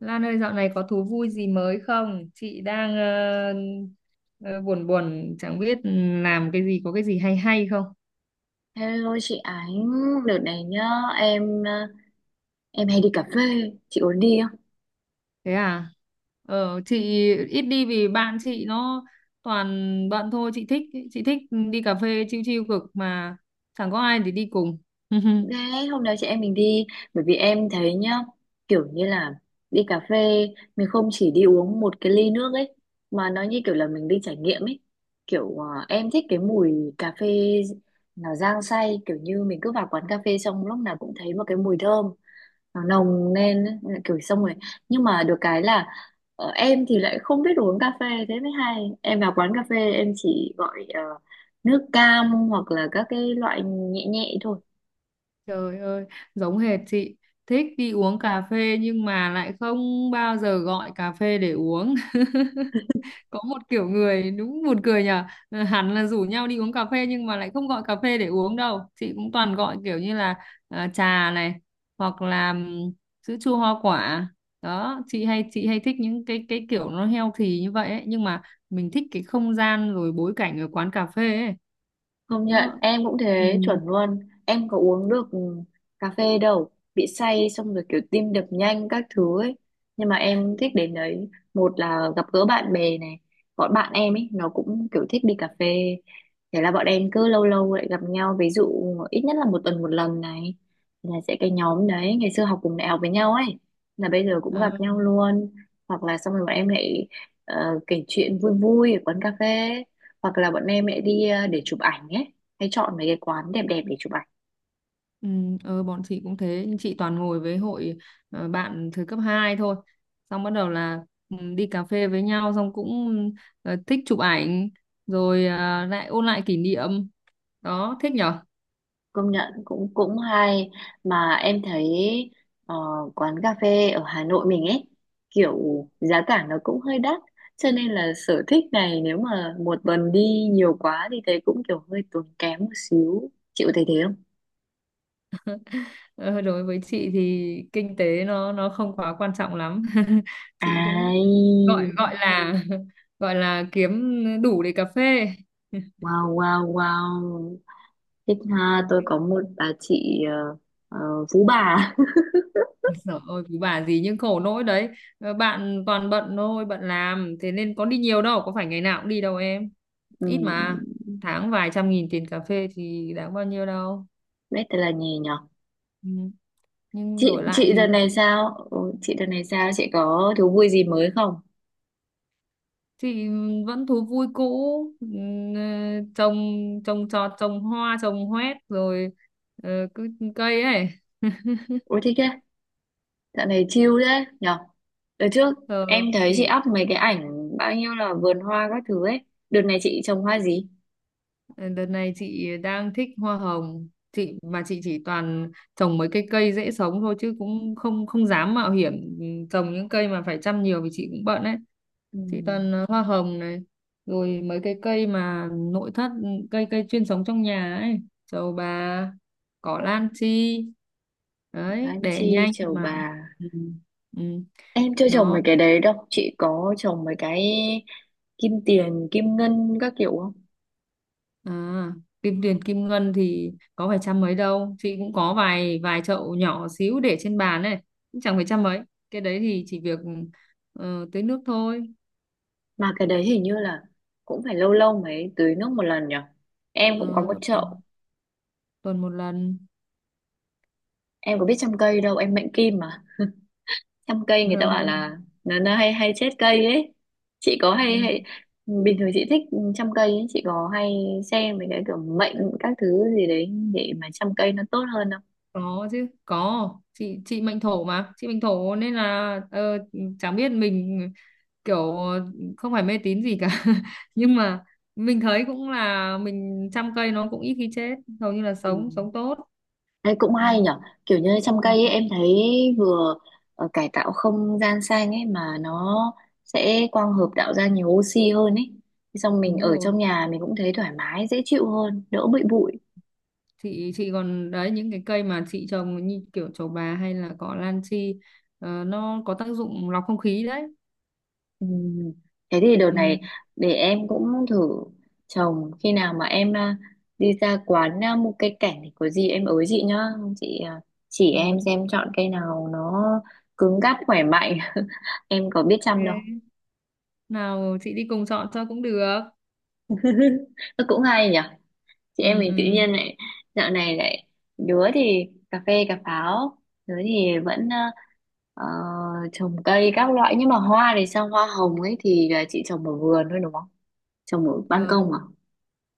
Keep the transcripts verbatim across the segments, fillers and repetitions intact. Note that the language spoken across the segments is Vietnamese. Lan ơi, dạo này có thú vui gì mới không? Chị đang ờ, ờ, buồn buồn, chẳng biết làm cái gì, có cái gì hay hay không? Hello chị Ánh, đợt này nhá, em ờ, em hay đi cà phê, chị muốn đi không? Thế à? Ờ, chị ít đi vì bạn chị nó toàn bận thôi, chị thích chị thích đi cà phê chill chill cực mà chẳng có ai để đi cùng. Đấy, hôm nào chị em mình đi, bởi vì em thấy nhá, kiểu như là đi cà phê mình không chỉ đi uống một cái ly nước ấy, mà nó như kiểu là mình đi trải nghiệm ấy. Kiểu ờ, em thích cái mùi cà phê nó rang say, kiểu như mình cứ vào quán cà phê xong lúc nào cũng thấy một cái mùi thơm, nó nồng lên ấy, nên là kiểu xong rồi. Nhưng mà được cái là ờ, em thì lại không biết đồ uống cà phê thế mới hay, em vào quán cà phê em chỉ gọi ờ, nước cam hoặc là các cái loại nhẹ nhẹ thôi. Trời ơi, giống hệt chị, thích đi uống cà phê nhưng mà lại không bao giờ gọi cà phê để uống. Có một kiểu người đúng buồn cười nhở. Ờ, hẳn là rủ nhau đi uống cà phê nhưng mà lại không gọi cà phê để uống đâu, chị cũng toàn gọi kiểu như là ờ, trà này, hoặc là ừm, sữa chua hoa quả đó. Chị hay chị hay thích những cái cái kiểu nó healthy như vậy ấy. Nhưng mà mình thích cái không gian rồi bối cảnh ở quán cà phê ấy. Công nhận Nó. em cũng thế, chuẩn luôn, em có uống được ừ, cà phê đâu, bị say xong rồi kiểu tim đập nhanh các thứ ấy. Nhưng mà em thích đến đấy, một là gặp gỡ bạn bè này, bọn bạn em ấy nó cũng kiểu thích đi cà phê, thế là bọn em cứ lâu lâu lại gặp nhau, ví dụ ít nhất là một tuần một lần này, là sẽ cái nhóm đấy ngày xưa học cùng đại học với nhau ấy, là bây giờ cũng gặp Ừ. nhau luôn. Hoặc là xong rồi bọn em lại ờ, kể chuyện vui vui ở quán cà phê, hoặc là bọn em lại đi ờ, để chụp ảnh ấy, hay chọn mấy cái quán đẹp đẹp để chụp ảnh. Ừ, ờ bọn chị cũng thế, nhưng chị toàn ngồi với hội ờ, bạn thời cấp hai thôi, xong bắt đầu là ừ, đi cà phê với nhau, xong cũng ờ, thích chụp ảnh, rồi ờ, lại ôn lại kỷ niệm. Đó thích nhở. Công nhận cũng cũng hay. Mà em thấy ờ, quán cà phê ở Hà Nội mình ấy kiểu giá cả nó cũng hơi đắt, cho nên là sở thích này nếu mà một tuần đi nhiều quá thì thấy cũng kiểu hơi tốn kém một xíu, chịu thấy thế không? Ờ, đối với chị thì kinh tế nó nó không quá quan trọng lắm. Chị cũng Ai, gọi gọi là gọi là kiếm đủ để cà phê. wow wow wow, thích ha, tôi có một bà chị ờ, ờ, phú bà. Trời ơi cứ bà gì, nhưng khổ nỗi đấy. Ờ, bạn toàn bận thôi, bận làm, thế nên có đi nhiều đâu, có phải ngày nào cũng đi đâu em, Ừ, ít mà, tháng vài trăm nghìn tiền cà phê thì đáng bao nhiêu đâu. biết tên là gì nhỉ. Ừ. Nhưng chị đổi lại chị đợt thì này sao? Ủa, chị đợt này sao, chị có thú vui gì mới không? thì vẫn thú vui cũ. Ừ, ờ, trồng trồng trọt, trồng hoa trồng hoét, rồi ờ, cứ cây ấy. Ôi thích thế, dạo này chill đấy nhở. Đợt trước em ờ, thấy chị thì up mấy cái ảnh bao nhiêu là vườn hoa các thứ ấy, đợt này chị trồng hoa gì? ờ, đợt này chị đang thích hoa hồng. Chị mà chị chỉ toàn trồng mấy cái cây dễ sống thôi, chứ cũng không không dám mạo hiểm. Ừ, trồng những cây mà phải chăm nhiều vì chị cũng bận ấy. Chị Ừm, toàn ờ, hoa hồng này, rồi mấy cái cây mà nội thất, ừ, cây cây chuyên sống trong nhà ấy. Trầu bà, cỏ lan chi, Ngọc đấy Lan đẻ Chi, nhanh trầu mà. bà. Ừ. Ừ. Em chưa trồng Nó. mấy cái đấy đâu, chị có trồng mấy cái kim tiền kim ngân các kiểu không? À, kim tiền kim ngân thì có phải trăm mấy đâu, chị cũng có vài vài chậu nhỏ xíu để trên bàn này, cũng chẳng phải trăm mấy, cái đấy thì chỉ việc ờ, tưới nước thôi. Mà cái đấy hình như là cũng phải lâu lâu mới tưới nước một lần nhở, em cũng có một Ờ, chậu. tuần một lần. Em có biết chăm cây đâu, em mệnh kim, chăm cây người ta bảo là nó, nó hay hay chết cây ấy. Chị có hay hay Ừ. bình thường chị thích chăm cây ấy, chị có hay xem mấy cái kiểu mệnh các thứ gì đấy để mà chăm cây nó tốt hơn không? Có chứ, có, chị chị mệnh thổ mà, chị mệnh thổ nên là ờ, chẳng biết mình kiểu không phải mê tín gì cả, nhưng mà mình thấy cũng là mình chăm cây nó cũng ít khi chết, hầu như là Ừ. sống sống tốt. Đấy cũng hay Ừ, nhở, kiểu như chăm cây ừ, ấy em thấy vừa ờ, cải tạo không gian xanh ấy, mà nó sẽ quang hợp tạo ra nhiều oxy hơn ấy. Thế xong mình đúng ở rồi, trong nhà mình cũng thấy thoải mái dễ chịu hơn, đỡ bụi bụi. chị chị còn đấy những cái cây mà chị trồng như kiểu trầu bà hay là cỏ lan chi, ờ, nó có tác dụng lọc không khí đấy. Ừ. Thế thì đợt Ừ, này để em cũng thử trồng, khi nào mà em à, đi ra quán à, mua cây cảnh thì có gì em ới chị nhá, chị à, chỉ em ừ, xem chọn cây nào nó cứng cáp khỏe mạnh. Em có biết chăm đâu. ok. Nào chị đi cùng chọn cho cũng được. Nó cũng hay nhỉ, chị em Ừ, mình tự ừ. nhiên lại dạo này lại, đứa thì cà phê cà pháo, đứa thì vẫn à, ờ, trồng cây các loại. Nhưng mà hoa thì sao, hoa hồng ấy thì là chị trồng ở vườn thôi đúng không, trồng ở ban Ờ. công à?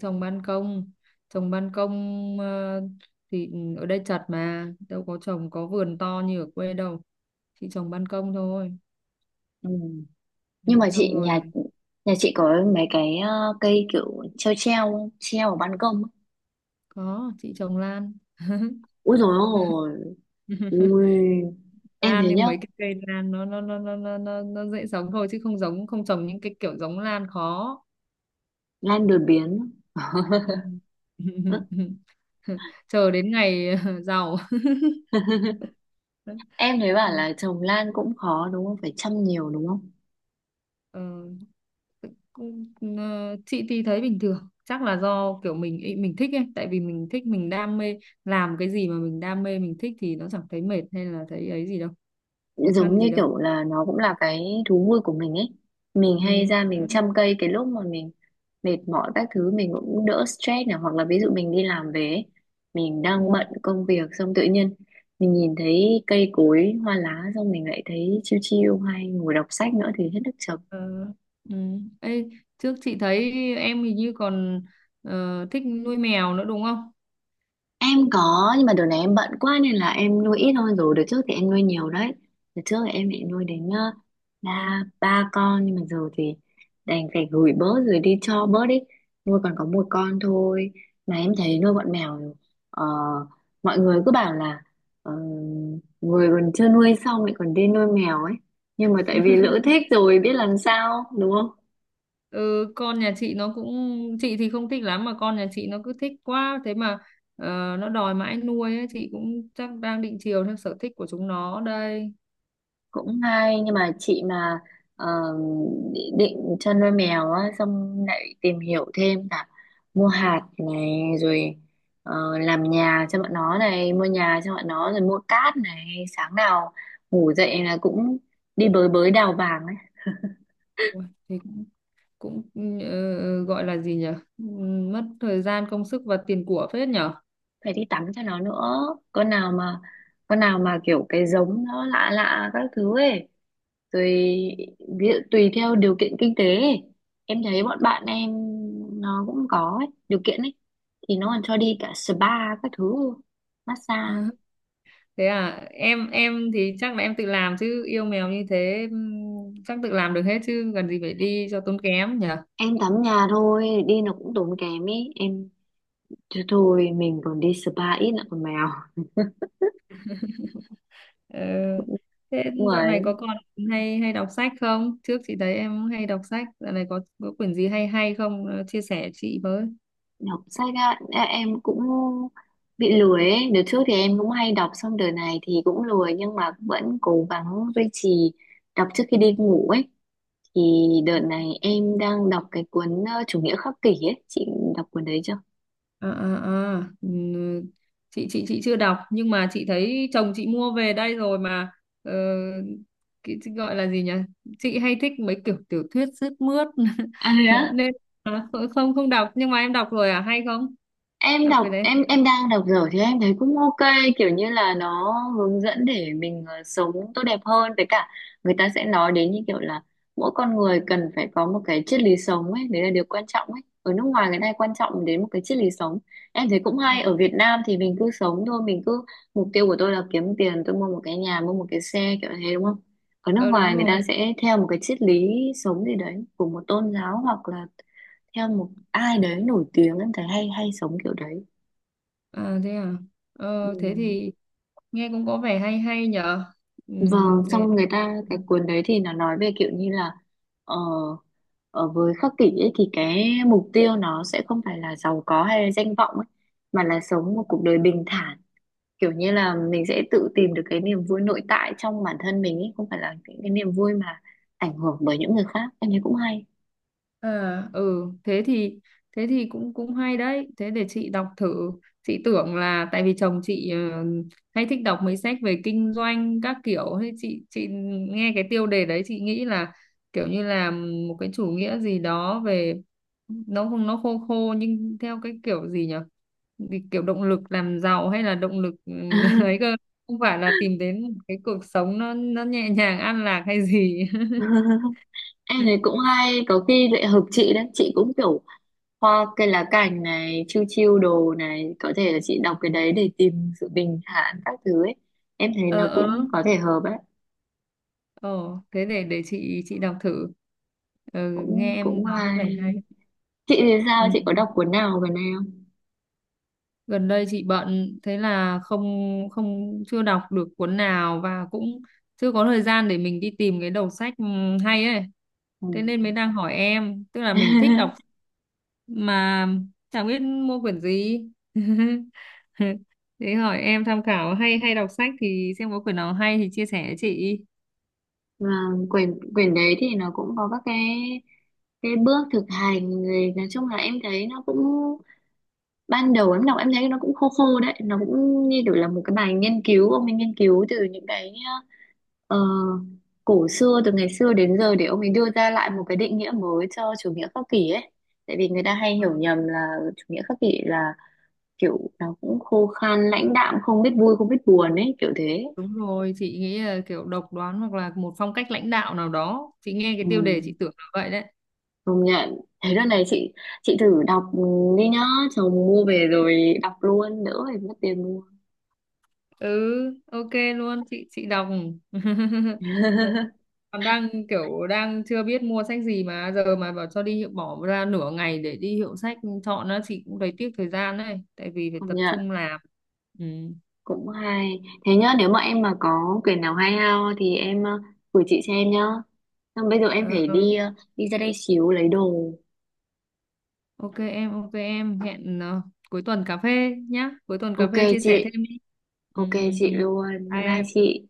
Trồng ban công, trồng ban công ờ, thì ở đây chật mà đâu có trồng, có vườn to như ở quê đâu, chị trồng ban công thôi. Ừ. Ừ, Nhưng mà xong chị rồi nhà là nhà chị có mấy cái ờ, cây kiểu treo treo, treo ở ban công ấy. có chị trồng lan. Ui dồi ôi, ui. Em Lan, thấy nhưng nhá, mấy cái cây lan nó nó nó nó nó nó, nó dễ sống thôi, chứ không giống, không trồng những cái kiểu giống lan khó. lan đột biến. Ừ. Ơ, Chờ đến ngày giàu. em thấy bảo Ừ. là trồng lan cũng khó đúng không, phải chăm nhiều đúng không? Ờ. Ờ, chị thì thấy bình thường, chắc là do kiểu mình ý- mình thích ấy, tại vì mình thích mình đam mê, làm cái gì mà mình đam mê mình thích thì nó chẳng thấy mệt hay là thấy ấy gì đâu, khó Giống khăn như gì đâu. kiểu là nó cũng là cái thú vui của mình ấy, mình hay Ừ. ra mình chăm cây, cái lúc mà mình mệt mỏi các thứ mình cũng đỡ stress này, hoặc là ví dụ mình đi làm về ấy, mình Ừ. đang bận công việc xong tự nhiên mình nhìn thấy cây cối hoa lá, xong mình lại thấy chill chill, hay ngồi đọc sách nữa thì hết nước chấm. Ờ. Ừ. Ê, trước chị thấy em hình như còn ờ, thích nuôi mèo nữa đúng không? Em có, nhưng mà đợt này em bận quá nên là em nuôi ít thôi, rồi đợt trước thì em nuôi nhiều đấy. Đợt trước thì em lại nuôi đến ờ, Ừ. ba ba con, nhưng mà giờ thì đành phải gửi bớt rồi, đi cho bớt đi, nuôi còn có một con thôi. Mà em thấy nuôi bọn mèo ờ, mọi người cứ bảo là ờ, người còn chưa nuôi xong lại còn đi nuôi mèo ấy, nhưng mà tại vì lỡ thích rồi biết làm sao đúng không. Ừ, con nhà chị nó cũng, chị thì không thích lắm mà con nhà chị nó cứ thích quá, thế mà ờ, nó đòi mãi nuôi ấy. Chị cũng chắc đang định chiều theo sở thích của chúng nó đây. Cũng hay, nhưng mà chị mà ờ, định định cho nuôi mèo á, xong lại tìm hiểu thêm, cả mua hạt này, rồi ờ, làm nhà cho bọn nó này, mua nhà cho bọn nó, rồi mua cát này, sáng nào ngủ dậy là cũng đi bới bới đào vàng ấy, Ủa, thì cũng, cũng ờ, gọi là gì nhỉ? Ừm, Mất thời gian, công sức và tiền của phết nhỉ? À, phải đi tắm cho nó nữa. Con nào mà con nào mà kiểu cái giống nó lạ lạ các thứ ấy, tùy, ví dụ tùy theo điều kiện kinh tế ấy. Em thấy bọn bạn em nó cũng có ấy điều kiện ấy, thì nó còn cho đi cả spa các thứ, massage. thế à, em em thì chắc là em tự làm, chứ yêu mèo như thế ừm, chắc tự làm được hết, chứ cần gì phải đi cho tốn kém nhỉ? Em tắm nhà thôi đi nó cũng tốn kém ấy em, thôi thôi mình còn đi spa ít lại còn mèo. Ờ, thế Đúng dạo này rồi. có còn hay hay đọc sách không? Trước chị thấy em hay đọc sách, dạo này có có quyển gì hay hay không? Ờ, chia sẻ chị với. Đọc sách á, ê, em cũng bị lười ấy, đợt trước thì em cũng hay đọc, xong đợt này thì cũng lười nhưng mà vẫn cố gắng duy trì đọc trước khi đi ngủ ấy. Thì đợt này em đang đọc cái cuốn ờ, Chủ nghĩa khắc kỷ ấy, chị đọc cuốn đấy chưa? Ờ, ờ, ờ. Ừ, chị chị chị chưa đọc, nhưng mà chị thấy chồng chị mua về đây rồi mà, ờ, cái cái gọi là gì nhỉ, chị hay thích mấy kiểu tiểu thuyết sướt mướt. À thế á? Nên à, không không đọc, nhưng mà em đọc rồi à, hay không? Em Đọc đọc, cái đấy em em đang đọc dở thì em thấy cũng ok, kiểu như là nó hướng dẫn để mình ờ, sống tốt đẹp hơn. Với cả người ta sẽ nói đến như kiểu là mỗi con người cần phải có một cái triết lý sống ấy, đấy là điều quan trọng ấy, ở nước ngoài người ta hay quan trọng đến một cái triết lý sống. Em thấy cũng à? hay, ở Việt Nam thì mình cứ sống thôi, mình cứ mục tiêu của tôi là kiếm tiền, tôi mua một cái nhà mua một cái xe kiểu thế đúng không. Ở nước Ờ, đúng ngoài người ta rồi. sẽ theo một cái triết lý sống gì đấy của một tôn giáo hoặc là theo một ai đấy nổi tiếng, em thấy hay, hay sống kiểu đấy. À thế à? Ờ thế Ừ. thì nghe cũng có vẻ hay hay nhở. Ừ, Vâng, để. xong người ta cái cuốn đấy thì nó nói về kiểu như là ờ, ở với khắc kỷ ấy thì cái mục tiêu nó sẽ không phải là giàu có hay là danh vọng ấy, mà là sống một cuộc đời bình thản, kiểu như là mình sẽ tự tìm được cái niềm vui nội tại trong bản thân mình ấy, không phải là những cái niềm vui mà ảnh hưởng bởi những người khác. Em thấy cũng hay. À, ừ thế thì, thế thì cũng cũng hay đấy, thế để chị đọc thử. Chị tưởng là tại vì chồng chị ờ, hay thích đọc mấy sách về kinh doanh các kiểu, thế chị chị nghe cái tiêu đề đấy chị nghĩ là kiểu như là một cái chủ nghĩa gì đó về. Nó không, nó khô khô, nhưng theo cái kiểu gì nhỉ? Vì kiểu động lực làm giàu hay là động lực ừ, ấy cơ, không phải là tìm đến một cái cuộc sống nó nó nhẹ nhàng an lạc hay gì. Em thấy cũng hay, có khi lại hợp chị đấy, chị cũng kiểu hoa cây lá cành này, chiêu chiêu đồ này, có thể là chị đọc cái đấy để tìm sự bình thản các thứ ấy, em thấy Ờ, nó cũng ờ. có thể hợp ấy. Ồ, thế để để chị chị đọc thử. Ừ, nghe Cũng cũng em nói có vẻ hay. hay. Chị thì sao, Ừ. chị có đọc cuốn nào gần đây Gần đây chị bận, thế là không không chưa đọc được cuốn nào, và cũng chưa có thời gian để mình đi tìm cái đầu sách ừ, hay ấy. Thế không? nên mới đang hỏi em, tức là Ừ. mình thích đọc mà chẳng biết mua quyển gì. Thế hỏi em tham khảo, hay hay đọc sách thì xem có quyển nào hay thì chia sẻ với chị. Và quyển quyển đấy thì nó cũng có các cái cái bước thực hành, rồi nói chung là em thấy nó cũng ban đầu em đọc em thấy nó cũng khô khô đấy, nó cũng như kiểu là một cái bài nghiên cứu. Ông ấy nghiên cứu từ những cái ờ, cổ xưa từ ngày xưa đến giờ để ông ấy đưa ra lại một cái định nghĩa mới cho chủ nghĩa khắc kỷ ấy, tại vì người ta hay hiểu nhầm là chủ nghĩa khắc kỷ là kiểu nó cũng khô khan lãnh đạm, không biết vui không biết buồn ấy kiểu thế. Đúng rồi, chị nghĩ là kiểu độc đoán hoặc là một phong cách lãnh đạo nào đó. Chị nghe cái Ừ, tiêu đề chị tưởng là vậy đấy. công nhận thế, đợt này chị chị thử đọc đi nhá, chồng mua về rồi đọc luôn đỡ phải mất tiền mua. Ừ, ok luôn, chị chị đọc. Còn đang kiểu đang chưa biết mua sách gì, mà giờ mà bảo cho đi hiệu, bỏ ra nửa ngày để đi hiệu sách chọn á, chị cũng thấy tiếc thời gian đấy, tại vì phải Công tập nhận trung làm. Ừ. cũng hay. Thế nhá, nếu mà em mà có quyển nào hay ho thì em ờ, gửi chị xem nhá. Xong bây giờ em Ờ, phải ờ. đi ờ, đi ra đây xíu lấy đồ. Ok em, ok em, hẹn ờ, cuối tuần cà phê nhá. Cuối tuần cà Ok phê chia sẻ thêm chị, đi. Ừ, ok ừ, ừ. chị luôn. Bye Bye bye em. chị.